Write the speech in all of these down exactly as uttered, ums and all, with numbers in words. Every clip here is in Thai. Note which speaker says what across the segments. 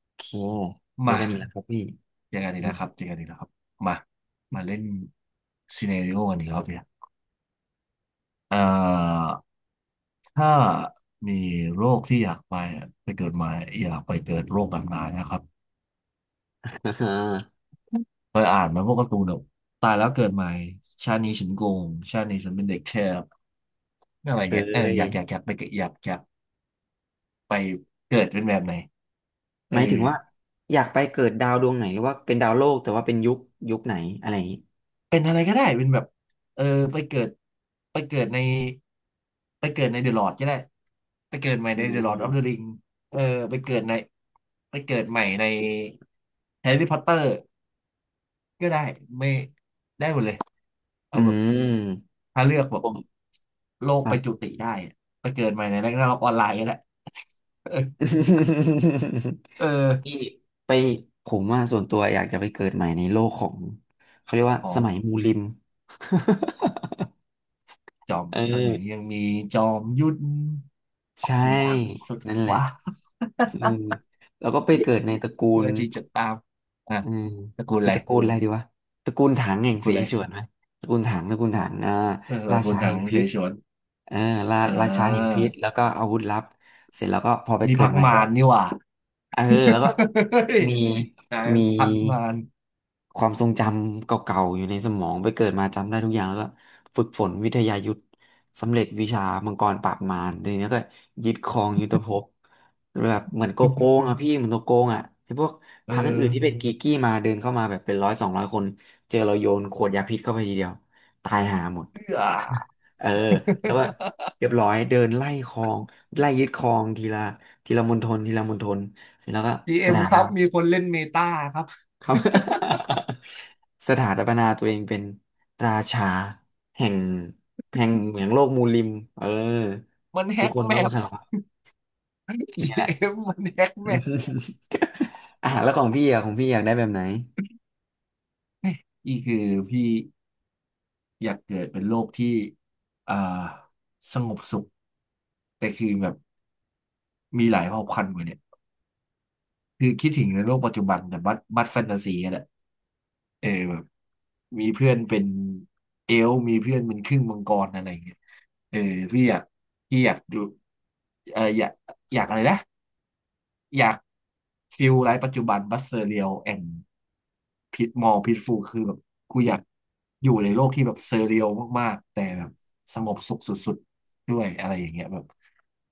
Speaker 1: โอเคเจอ
Speaker 2: มา
Speaker 1: กันอีกแล้วครับพี่
Speaker 2: เจอกันอีกแล้วครับ
Speaker 1: อ
Speaker 2: เจอกันอีกแล้วครับมามาเล่นซีเน a ริโอกันอีกรอบเนี่ยเอ่อถ้ามีโรคที่อยากไปไปเกิดใหม่อยากไปเกิดโรคแบบไหนนะครับ
Speaker 1: ่าฮะ
Speaker 2: เคยอ่านไหมาพวกการ์ตูนแบบตายแล้วเกิดใหม่ชาตินี้ฉันโกงชาตินี้ฉันเป็นเด็กแทบอะ ไร
Speaker 1: เค
Speaker 2: เงี้ยเอออยากอยาก
Speaker 1: ย
Speaker 2: อยากไปเกิดอยากอยากไปเกิดเป็นแบบไหนเอ
Speaker 1: ห
Speaker 2: อ
Speaker 1: มายถึงว่าอยากไปเกิดดาวดวงไหนหรือว่าเป็นดาวโลกแต่ว่าเป็นยุคยุคไหนอะไรอย่างนี้
Speaker 2: เป็นอะไรก็ได้เป็นแบบเออไปเกิดไปเกิดในไปเกิดในเดอะลอร์ดก็ได้ไปเกิดใหม่
Speaker 1: อื
Speaker 2: ในเดอะลอร์ดออฟเดอะ
Speaker 1: ม
Speaker 2: ริงเออไปเกิดในไปเกิดใหม่ในแฮร์รี่พอตเตอร์ก็ได้ไม่ได้หมดเลย
Speaker 1: อื
Speaker 2: เอาแบบ
Speaker 1: ม
Speaker 2: ถ้าเลือกแบ
Speaker 1: ผ
Speaker 2: บ
Speaker 1: ม
Speaker 2: โลก
Speaker 1: ครั
Speaker 2: ไปจุ
Speaker 1: บ
Speaker 2: ติได้อะไปเกิดใหม่ในแร็กนาร็อกออนไลน์ก็ได้ เออเอ
Speaker 1: พี่
Speaker 2: อ
Speaker 1: ไปผมว่าส่วนตัวอยากจะไปเกิดใหม่ในโลกของเขาเรียกว่า
Speaker 2: ขอ
Speaker 1: ส
Speaker 2: ง
Speaker 1: มัยมูลิม
Speaker 2: จอม
Speaker 1: เอ
Speaker 2: ข้างหนึ่ง
Speaker 1: อ
Speaker 2: ยังมีจอมยุทธออก
Speaker 1: ใช่
Speaker 2: เดินทางไปสุด
Speaker 1: นั่นแหละ
Speaker 2: ฟ้า
Speaker 1: อืมแล้วก็ไปเกิดในตระกู
Speaker 2: เพื่อ
Speaker 1: ล
Speaker 2: ที่จะตามอ่ะ
Speaker 1: อืม
Speaker 2: ตระกูล
Speaker 1: คื
Speaker 2: อะ
Speaker 1: อ
Speaker 2: ไร
Speaker 1: ตระกูลอะไรดีวะตระกูลถังแห่งเส
Speaker 2: คุณอะไร
Speaker 1: ฉวนไหมตระกูลถังตระกูลถังอ่า
Speaker 2: เออต
Speaker 1: รา
Speaker 2: ระกู
Speaker 1: ชา
Speaker 2: ลถั
Speaker 1: แห่
Speaker 2: ง
Speaker 1: ง
Speaker 2: เส
Speaker 1: พิษ
Speaker 2: ฉวน
Speaker 1: เออรา
Speaker 2: อ่
Speaker 1: ราชาแห่ง
Speaker 2: า
Speaker 1: พิษแล้วก็อาวุธลับเสร็จแล้วก็พอไป
Speaker 2: นี่
Speaker 1: เกิด
Speaker 2: พัก
Speaker 1: ใหม่
Speaker 2: มา
Speaker 1: ก็
Speaker 2: นนี่หว่า
Speaker 1: เออแล้วก็
Speaker 2: เฮ้ย
Speaker 1: มี
Speaker 2: นาย
Speaker 1: มี
Speaker 2: พักมาน
Speaker 1: ความทรงจำเก่าๆอยู่ในสมองไปเกิดมาจำได้ทุกอย่างแล้วก็ฝึกฝนวิทยายุทธสำเร็จวิชามังกรปราบมารทีนี้ก็ยึดครองยุทธภพแบบเหมือนโกโก้ง อ่ะพี่เหมือนโกโก้งอ่ะไอ้พวก
Speaker 2: เอ
Speaker 1: พรรคอื่นๆที่เป็
Speaker 2: อ
Speaker 1: นกีกี้มาเดินเข้ามาแบบเป็นร้อยสองร้อยคนเจอเราโยนขวดยาพิษเข้าไปทีเดียวตายหาหมด
Speaker 2: เอื้อ
Speaker 1: เออแล้วก็เรียบร้อยเดินไล่ครองไล่ยึดครองทีละทีละมณฑลทีละมณฑลเสร็จแล้วก็ส
Speaker 2: จี เอ็ม
Speaker 1: ถา
Speaker 2: ค
Speaker 1: นะ
Speaker 2: รับมีคนเล่นเมตาครับ
Speaker 1: ครับ สถาปนาตัวเองเป็นราชาแห่งแห่งเหมืองโลกมูลริมเออ
Speaker 2: มันแฮ็
Speaker 1: ทุก
Speaker 2: ก
Speaker 1: คน
Speaker 2: แม
Speaker 1: ต้อง
Speaker 2: ป
Speaker 1: ขนม
Speaker 2: จี
Speaker 1: นี่แหละ
Speaker 2: เอ็มมันแฮ็กแมป
Speaker 1: อ่ะแล้วของพี่อ่ะของพี่อยากได้แบบไหน
Speaker 2: นี่คือพี่อยากเกิดเป็นโลกที่อ่าสงบสุขแต่คือแบบมีหลายเผ่าพันธุ์กว่าเนี่ยคือคิดถึงในโลกปัจจุบันแต่บัดบัดแฟนตาซีอะแหละ เออแบบมีเพื่อนเป็นเอลฟ์มีเพื่อนเป็นครึ่งมังกรอะไรอย่างเงี้ยเออพี่อยากพี่อยากดูเอออยากอยากอะไรนะอยากฟิลไลฟ์ปัจจุบันบัสเซอเรียลแอนด์พิทมอลพิทฟูคือแบบกูอยากอยู่ในโลกที่แบบเซอเรียลมากๆแต่แบบสงบสุขสุดๆด้วยอะไรอย่างเงี้ยแบบ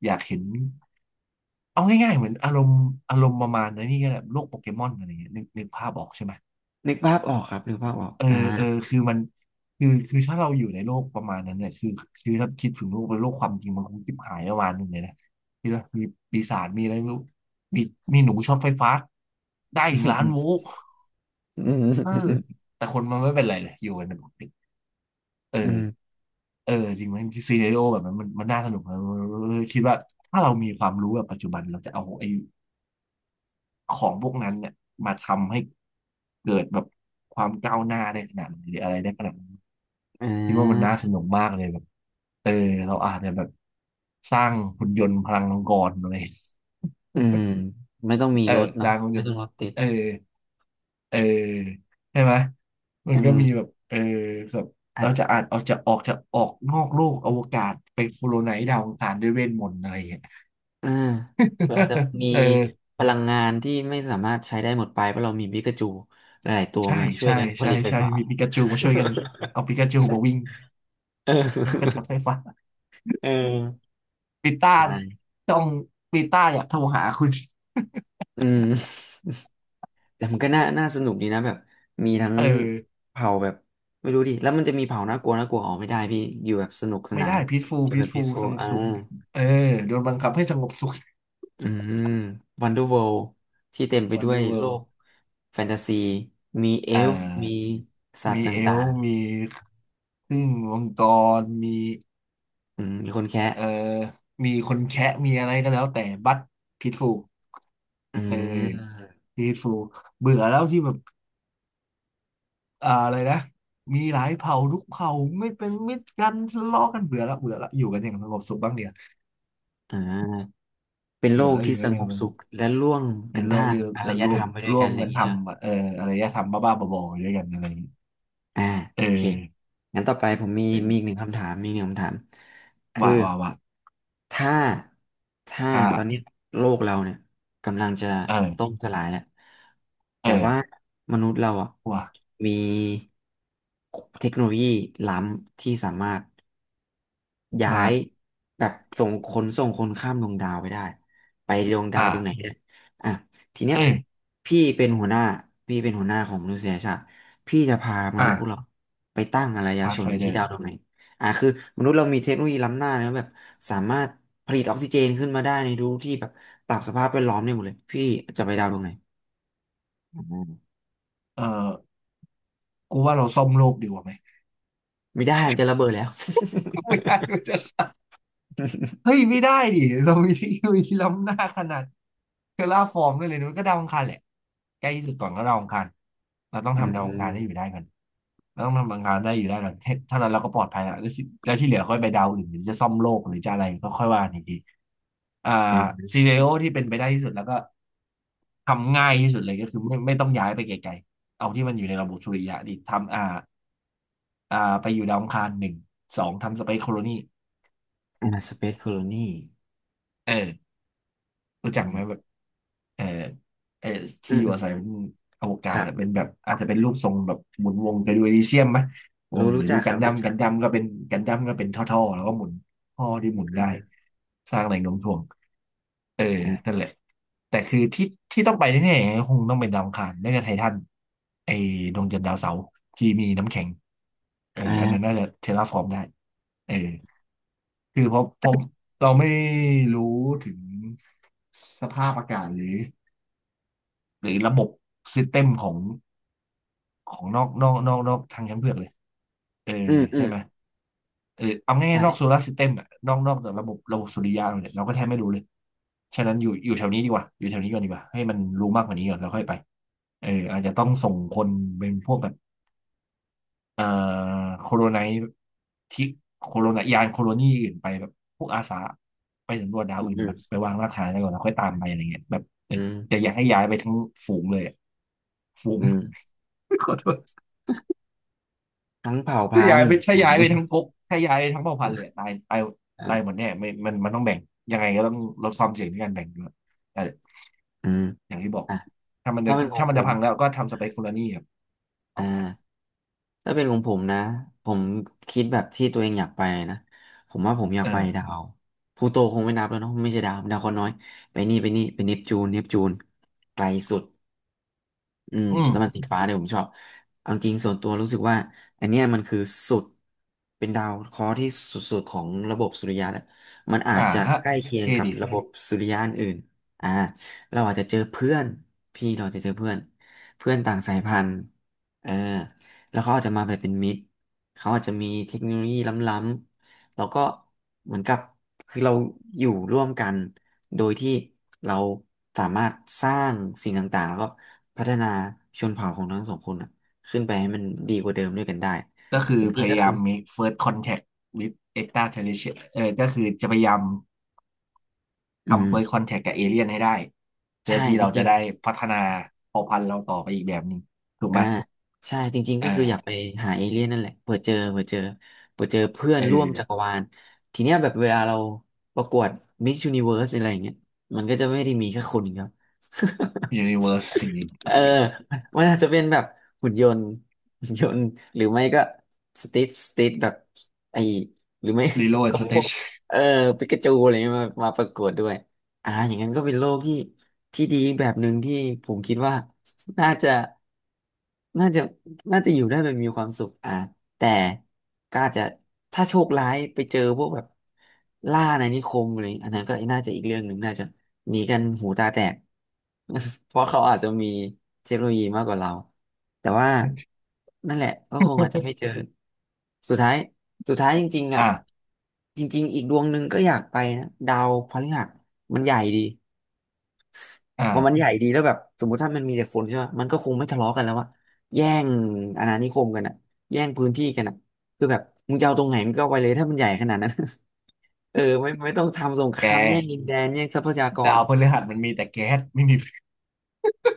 Speaker 2: อยากเห็นเอาง่ายๆเหมือนอารมณ์อารมณ์ประมาณนั้นนี่ก็แบบโลกโปเกมอนอะไรเงี้ยนึกนึกภาพออกใช่ไหม
Speaker 1: นึกภาพออกครับนึกภาพออก
Speaker 2: เออ
Speaker 1: อ่า
Speaker 2: เออคือมันคือคือถ้าเราอยู่ในโลกประมาณนั้นเนี่ยคือคือถ้าคิดถึงโลกเป็นโลกความจริงมันคงจิบหายประมาณหนึ่งเลยนะคิดว่ามีปีศาจมีอะไรไม่รู้มีมีหนูช็อตไฟฟ้าได้ถึงล้านโวลต์
Speaker 1: อื
Speaker 2: เออ
Speaker 1: ม
Speaker 2: แต่คนมันไม่เป็นไรเลยอยู่กันปกติเอ
Speaker 1: อืม
Speaker 2: อเออจริงไหมซีเน r ร o แบบนั้นมันมันน่าสนุกนะเออคิดว่าถ้าเรามีความรู้แบบปัจจุบันเราจะเอาไอ้ของพวกนั้นเนี่ยมาทำให้เกิดแบบความก้าวหน้าได้ขนาดไหนหรืออะไรได้ขนาดไหน
Speaker 1: อ่
Speaker 2: คิดว่ามันน่า
Speaker 1: า
Speaker 2: สนุกมากเลยแบบเออเราอาจจะแบบสร้างหุ่นยนต์พลังมังกรอะไร
Speaker 1: อืมไม่ต้องมี
Speaker 2: เออ
Speaker 1: รถ
Speaker 2: ส
Speaker 1: เนาะ
Speaker 2: ร้างหุ่นย
Speaker 1: ไม่
Speaker 2: น
Speaker 1: ต้อ
Speaker 2: ต์
Speaker 1: งรถติด
Speaker 2: เออเออใช่ไหมมั
Speaker 1: อื
Speaker 2: นก็มี
Speaker 1: ม
Speaker 2: แบบเออแบบเราจะอาจเอาจะออกจะออกนอกโลกอวกาศไปโคโลไนซ์ดาวอังคารด้วยเวทมนต์อะไรอย่างเงี้ย
Speaker 1: อ่าเรือาจจะ มี
Speaker 2: เออ
Speaker 1: พลังงานที่ไม่สามารถใช้ได้หมดไปเพราะเรามีบิกาจูหลายๆตัว
Speaker 2: ใช่
Speaker 1: มาช่วย
Speaker 2: ใช่
Speaker 1: กันผ
Speaker 2: ใช่
Speaker 1: ลิตไฟ
Speaker 2: ใช่
Speaker 1: ฟ้า
Speaker 2: มีปิกาจูมาช่วยกันเอาปิกาจูมาวิ่ง
Speaker 1: เอ
Speaker 2: แล้วก็ช็
Speaker 1: อ
Speaker 2: อตไฟฟ้า
Speaker 1: เออ
Speaker 2: ปีต้า
Speaker 1: อ่า
Speaker 2: ต้องปีต้าอยากโทรหาคุณ
Speaker 1: อืมแต่มันก็น่าน่าสนุกดีนะแบบมีทั้ง
Speaker 2: เออ
Speaker 1: เผ่าแบบไม่รู้ดิแล้วมันจะมีเผ่าน่ากลัวน่ากลัวออกไม่ได้พี่อยู่แบบสนุกส
Speaker 2: ไม่
Speaker 1: นา
Speaker 2: ได้
Speaker 1: น
Speaker 2: peaceful
Speaker 1: อยู่แบบพีซ
Speaker 2: peaceful
Speaker 1: ฟ u
Speaker 2: ส
Speaker 1: ล
Speaker 2: งบ
Speaker 1: อ่า
Speaker 2: สุขเออโดนบังคับให้สงบสุข
Speaker 1: อืมวันเดอร์เวิลด์ที่เต็มไปด้ว
Speaker 2: Wonder
Speaker 1: ยโลก
Speaker 2: World
Speaker 1: แฟนตาซีมีเอ
Speaker 2: อ่
Speaker 1: ลฟ์มี
Speaker 2: า
Speaker 1: สัต
Speaker 2: มี
Speaker 1: ว์ต
Speaker 2: เอ
Speaker 1: ่า
Speaker 2: ล
Speaker 1: ง
Speaker 2: ฟ์มีครึ่งมังกรมี
Speaker 1: ๆอืมมีคนแคะ
Speaker 2: เอ่อมีคนแคะมีอะไรก็แล้วแต่บัต peaceful
Speaker 1: อ่
Speaker 2: เออ
Speaker 1: า
Speaker 2: peaceful เบื่อแล้วที่แบบอ่าอะไรนะมีหลายเผ่าทุกเผ่าไม่เป็นมิตรกันทะเลาะกันเบื่อละเบื่อละอยู่กันอย่างสงบสุขบ้างเดียว
Speaker 1: อ่าเป็นโล
Speaker 2: เบื่อ
Speaker 1: ก
Speaker 2: แล้วอ
Speaker 1: ที่
Speaker 2: ยู่กั
Speaker 1: ส
Speaker 2: นอ
Speaker 1: ง
Speaker 2: ย่าง
Speaker 1: บ
Speaker 2: มัน
Speaker 1: สุขและร่วม
Speaker 2: ใน
Speaker 1: กัน
Speaker 2: โลก
Speaker 1: ท่าม
Speaker 2: ที่
Speaker 1: อาร
Speaker 2: จะ
Speaker 1: ย
Speaker 2: ร่ว
Speaker 1: ธร
Speaker 2: ม
Speaker 1: รมไปด้วย
Speaker 2: ร่
Speaker 1: กั
Speaker 2: ว
Speaker 1: น
Speaker 2: ม
Speaker 1: อะไรอ
Speaker 2: กั
Speaker 1: ย่า
Speaker 2: น
Speaker 1: ง
Speaker 2: ท
Speaker 1: นี้ใช่ไหม
Speaker 2: ำเอ่ออารยธรรมบ้าๆบอๆด้วยกันอะไรอย่างงี้
Speaker 1: อ่า
Speaker 2: เอ
Speaker 1: โอเค
Speaker 2: อ
Speaker 1: งั้นต่อไปผมมี
Speaker 2: เอ
Speaker 1: มีอีกห
Speaker 2: อ
Speaker 1: นึ่งคำถามมีอีกหนึ่งคำถามคือ
Speaker 2: ว่าว่าว่า
Speaker 1: ถ้าถ้าตอนนี้
Speaker 2: อ่า
Speaker 1: โลกเราเนี่ยกำลังจะ
Speaker 2: เอ
Speaker 1: ล่
Speaker 2: อ
Speaker 1: มสลายแล้ว
Speaker 2: เอ
Speaker 1: แต่ว่า
Speaker 2: อ
Speaker 1: มนุษย์เราอ่ะ
Speaker 2: ว่า
Speaker 1: มีเทคโนโลยีล้ำที่สามารถ ย้า
Speaker 2: มา
Speaker 1: ย
Speaker 2: ด
Speaker 1: แบบส่งคนส่งคนข้ามดวงดาวไปได้ไปดวงดาว
Speaker 2: อ่า
Speaker 1: ดวงไหนก็ได้อ่ะทีเนี้ย
Speaker 2: เอ้ย
Speaker 1: พี่เป็นหัวหน้าพี่เป็นหัวหน้าของมนุษยชาติพี่จะพาม
Speaker 2: อ่า
Speaker 1: นุษย์พวกเราไปตั้งอารย
Speaker 2: พาส
Speaker 1: ช
Speaker 2: ไฟ
Speaker 1: น
Speaker 2: เด
Speaker 1: ที่
Speaker 2: อ
Speaker 1: ดาว
Speaker 2: ร์
Speaker 1: ดวงไหนอ่ะคือมนุษย์เรามีเทคโนโลยีล้ำหน้านะแบบสามารถผลิตออกซิเจนขึ้นมาได้ในรูที่แบบปรับสภาพแวดล้อมได้หมดเลยพี่จะไปดาวดวงไหนอืม
Speaker 2: เออกูว่าเราซ่อมโลกดีกว่าไหม
Speaker 1: ไม่ได้มันจะระเบิดแล้ว
Speaker 2: ไม่ได้ไม่ได้ เฮ้ยไม่ได้ดิ เรามีเทคโนโลยีล้ำหน้าขนาดเทอราฟอร์มได้เลยนะมันก็ดาวอังคารแหละใกล้ที่สุดก่อนก็ดาวอังคารเราต้อง
Speaker 1: อื
Speaker 2: ทำดาวอังคารให้อยู่
Speaker 1: ม
Speaker 2: ได้ก่อน เราต้องทำบางการได้อยู่แล้วหลังเท่านั้นเราก็ปลอดภัยแล้วแล้วสิแล้วที่เหลือค่อยไปดาวอื่นหรือจะซ่อมโลกหรือจะอะไรก็ค่อยว่าอีกทีอ่า
Speaker 1: อ
Speaker 2: ซีเรียลที่เป็นไปได้ที่สุดแล้วก็ทำง่ายที่สุดเลยก็คือไม่ไม่ต้องย้ายไปไกลๆเอาที่มันอยู่ในระบบสุริยะดิทำอ่าอ่าไปอยู่ดาวอังคารหนึ่งสองทำสเปซโคโลนี
Speaker 1: ่าสเปซโคโลนี
Speaker 2: เออรู้
Speaker 1: อื
Speaker 2: จักไห
Speaker 1: ม
Speaker 2: มแบบ เออเออ
Speaker 1: อื
Speaker 2: ที่
Speaker 1: ม
Speaker 2: อยู่
Speaker 1: อืม
Speaker 2: อาศัยเป็นอวกา
Speaker 1: ค
Speaker 2: ศ
Speaker 1: รับ
Speaker 2: อะเป็นแบบอาจจะเป็นรูปทรงแบบหมุนวงไปดูเอลิเซียมไหมวง
Speaker 1: รู้
Speaker 2: หรื
Speaker 1: รู้
Speaker 2: อดู
Speaker 1: จักค
Speaker 2: กัน
Speaker 1: รับ
Speaker 2: ดั้
Speaker 1: รู้
Speaker 2: มกั
Speaker 1: จั
Speaker 2: น
Speaker 1: ก
Speaker 2: ดั้มก็เป็นกันดั้มก็เป็นท่อๆแล้วก็หมุนท่อที่หมุนได้
Speaker 1: อ่า
Speaker 2: สร้างแรงโน้มถ่วงเออ
Speaker 1: อ่า
Speaker 2: นั่นแหละแต่คือที่ที่ต้องไปแน่ๆคงต้องเป็นดาวอังคารไม่ก็ไททันไอ้ดวงจันทร์ดาวเสาร์ที่มีน้ำแข็งเอออันนั้น
Speaker 1: อ่า
Speaker 2: น่าจะเทราฟอร์มได้เออคือเพราะเพราะเราไม่รู้ถึงสภาพอากาศหรือ หรือระบบซิสเต็มของของนอกนอกนอกนอกทางช้างเผือกเลย เออ
Speaker 1: อืมอื
Speaker 2: ใช่
Speaker 1: ม
Speaker 2: ไหมเออเอาง่ายๆนอกโซ
Speaker 1: ใช่
Speaker 2: ลาร์ซิสเต็มอะนอกนอกจากระบบระบบสุริยะเราเนี่ยเราก็แทบไม่รู้เลย ฉะนั้นอยู่อยู่แถวนี้ดีกว่าอยู่แถวนี้ก่อนดีกว่าให้มันรู้มากกว่านี้ก่อนแล้วค่อยไปเอออาจจะต้องส่งคนเป็นพวกแบบเอ่อโคโรไนที่โคโรนายานโคโรนีอื่นไปแบบพวกอาสาไปสำรวจดาว
Speaker 1: อืม
Speaker 2: อื่น
Speaker 1: อืม
Speaker 2: แบบไปวางรากฐานอะไรก่อนแล้วค่อยตามไปอะไรเงี้ยแบบแต่
Speaker 1: อืม
Speaker 2: แต่อย่าให้ย้ายไปทั้งฝูงเลยอะฝูง
Speaker 1: อื
Speaker 2: ขอโทษ
Speaker 1: ทั้งเผ่า
Speaker 2: ถ้า
Speaker 1: พั
Speaker 2: ย้า
Speaker 1: น
Speaker 2: ย
Speaker 1: ธุ์
Speaker 2: ไปถ้าย้ายไปทั้
Speaker 1: อื
Speaker 2: งก๊กถ้าย้ายทั้งเผ่าพันธุ์เลยอะตายตาย
Speaker 1: อ่
Speaker 2: ตายหม
Speaker 1: า
Speaker 2: ดแน่ไม่มันมันต้องแบ่งยังไงก็ต้องลดความเสี่ยงในการแบ่งด้วยแต่
Speaker 1: อืม
Speaker 2: อย่างที่บอก
Speaker 1: อ่ะ
Speaker 2: ถ้ามันจะ
Speaker 1: ถ้าเป็นของ
Speaker 2: ถ้ามัน
Speaker 1: ผ
Speaker 2: จะ
Speaker 1: ม
Speaker 2: พังแล้วก็ทำสเปคโคนลนี่ครับสอ
Speaker 1: อ่า
Speaker 2: งอัน
Speaker 1: ถ้าเป็นของผมนะผมคิดแบบที่ตัวเองอยากไปนะ ผมว่าผมอยาก
Speaker 2: เออ
Speaker 1: ไปดาวพลูโตคงไม่นับแล้วเนาะไม่ใช่ดาวดาวเคราะห์น้อย ไปนี่ไปนี่ไปเนปจูนเนปจูนไกลสุด อืม
Speaker 2: อืม
Speaker 1: แล้วมันสีฟ้าเนี่ยผมชอบเอาจริงส่วนตัวรู้สึกว่าอันเนี้ยมันคือสุดเป็นดาวเคราะห์ที่สุดๆของระบบสุริยะแหละมันอาจ
Speaker 2: อ่า
Speaker 1: จะ
Speaker 2: ฮะ
Speaker 1: ใกล้เคียง
Speaker 2: เท่
Speaker 1: กับ
Speaker 2: ดี
Speaker 1: ระบบสุริยะอนอื่นอ่าเราอาจจะเจอเพื่อนพี่เราจะเจอเพื่อนเพื่อนต่างสายพันธุ์เออแล้วเขาอาจจะมาแบบเป็นมิตรเขาอาจจะมีเทคโนโลยีล้ำๆแล้วก็เหมือนกับคือเราอยู่ร่วมกันโดยที่เราสามารถสร้างสิ่งต่างๆแล้วก็ พัฒนาชนเผ่าของทั้งสองคนอ่ะขึ้นไปให้มันดีกว่าเดิมด้วยกันได้
Speaker 2: ก็คื
Speaker 1: จ
Speaker 2: อพ
Speaker 1: ริงๆก็
Speaker 2: ยายา
Speaker 1: คือ
Speaker 2: ม เมค เฟิร์สท คอนแทค วิธ เอ็กซ์ตร้าเทอเรสเทรียล เออก็คือจะพยายาม
Speaker 1: อืม
Speaker 2: ทำ first contact กับเอเลี่ยนให้ได้เพื่อ
Speaker 1: ใช่
Speaker 2: ที่
Speaker 1: จ
Speaker 2: เรา
Speaker 1: ริ
Speaker 2: จะ
Speaker 1: ง
Speaker 2: ได้พัฒนาเผ่าพันธุ์เราต่อไปอีกแบบหนึ่งถู
Speaker 1: ๆ
Speaker 2: ก
Speaker 1: อ่า
Speaker 2: ไหม
Speaker 1: ใช่จริงๆก็คืออยากไป
Speaker 2: อ่า
Speaker 1: หาเอเลี่ยนนั่นแหละเผื่อเจอเผื่อเจอเผื่อเจอเพื่อน
Speaker 2: เอ
Speaker 1: ร่วม
Speaker 2: อ
Speaker 1: จักรวาลทีเนี้ยแบบเวลาเราประกวดมิสยูนิเวิร์สอะไรอย่างเงี้ยมันก็จะไม่ได้มีแค่คนเดียว
Speaker 2: ยูนิเวิร์ส สิ่งนี้
Speaker 1: เอ
Speaker 2: โอ
Speaker 1: อ
Speaker 2: เค
Speaker 1: มันอาจจะเป็นแบบหุ่นยนต์หุ่นยนต์หรือไม่ก็สติสติแบบไอหรือไม่
Speaker 2: รีโหล ด
Speaker 1: ก็
Speaker 2: สเต
Speaker 1: พวก
Speaker 2: ชั
Speaker 1: เออปิกาจูอะไรเงี้ยมามาประกวดด้วยอ่าอย่างนั้นก็เป็นโลกที่ที่ดีแบบหนึ่งที่ผมคิดว่าน่าจะน่าจะน่าจะอยู่ได้แบบมีความสุขอ่าแต่ก็อาจจะถ้าโชคร้ายไปเจอพวกแบบล่าอาณานิคมอะไรอันนั้นก็น่าจะอีกเรื่องหนึ่งน่าจะหนีกันหูตาแตก เพราะเขาอาจจะมีเทคโนโลยีมากกว่าเราแต่ว่า
Speaker 2: น
Speaker 1: นั่นแหละก็คงอาจจะไม่เจอ สุดท้ายสุดท้ายจริงๆอ่ะ
Speaker 2: อ่า
Speaker 1: จริงๆอีกดวงหนึ่งก็อยากไปนะดาวพฤหัสมันใหญ่ดีพอมัน
Speaker 2: อ่า
Speaker 1: ใหญ่ดีแล้วแบบสมมติถ้ามันมีแต่คนใช่ไหมมันก็คงไม่ทะเลาะกันแล้วอะแย่งอาณานิคมกันอะแย่งพื้นที่กันอะคือแบบมึงจะเอาตรงไหนมึงก็เอาไปเลยถ้ามันใหญ่ขนาดนั้น เออไม่ไม่ต้องทำสงค
Speaker 2: แก
Speaker 1: รามแย่งดินแดนแย่งทรัพยาก
Speaker 2: ดา
Speaker 1: ร
Speaker 2: วพฤหัสมันมีแต่แก๊สไม่มีฟิ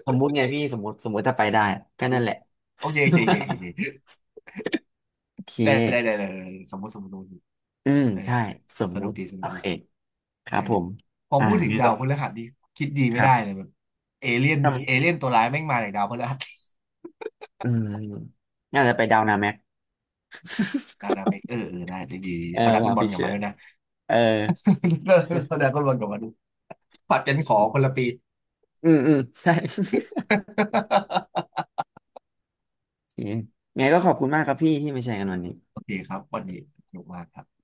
Speaker 1: สมมุติไงพี่สมมติสมมติถ้าไปได้อะก็
Speaker 2: ว
Speaker 1: นั่นแหละ
Speaker 2: โอเคโอเคโอเคโอ เค
Speaker 1: โอเค
Speaker 2: ได้ได้ได้ได้ได้สมมติสมมติสมมติ
Speaker 1: อืม
Speaker 2: เออ
Speaker 1: ใช่สม
Speaker 2: ส
Speaker 1: มุ
Speaker 2: นุก
Speaker 1: ติ
Speaker 2: ดีส
Speaker 1: โอ
Speaker 2: นุกดี
Speaker 1: เคครั
Speaker 2: เอ
Speaker 1: บ
Speaker 2: อ
Speaker 1: ผม
Speaker 2: พอ
Speaker 1: อ่า
Speaker 2: พูดถึง
Speaker 1: เนี่ย
Speaker 2: ดา
Speaker 1: ก็
Speaker 2: วพฤหัสนี่คิดดี
Speaker 1: ค
Speaker 2: ไม่
Speaker 1: รั
Speaker 2: ได้
Speaker 1: บ
Speaker 2: เลยแบบเอเลี่ยน
Speaker 1: ทำ
Speaker 2: เอเลี่ยนตัวร้ายแม่งมาจากดาวพฤหัส
Speaker 1: อืมน่าจะไปดาวนาแม็ก
Speaker 2: ดาว ดาวเมกเออเออได้ดีดี
Speaker 1: เออ
Speaker 2: เอาดราก้
Speaker 1: ว่า
Speaker 2: อนบอล
Speaker 1: พี่
Speaker 2: กลับ
Speaker 1: เชื่อ
Speaker 2: มาด้วยนะ
Speaker 1: เอ อ
Speaker 2: เอาดราก้อนบอลกลับมาดูผัดกันขอคนละปี
Speaker 1: อืมอืมใช่ โอเคไงก็ขอบคุณมากครับพี่ที่มาแชร์กันวันนี้
Speaker 2: โอเคครับวันนี้สนุกมากครับ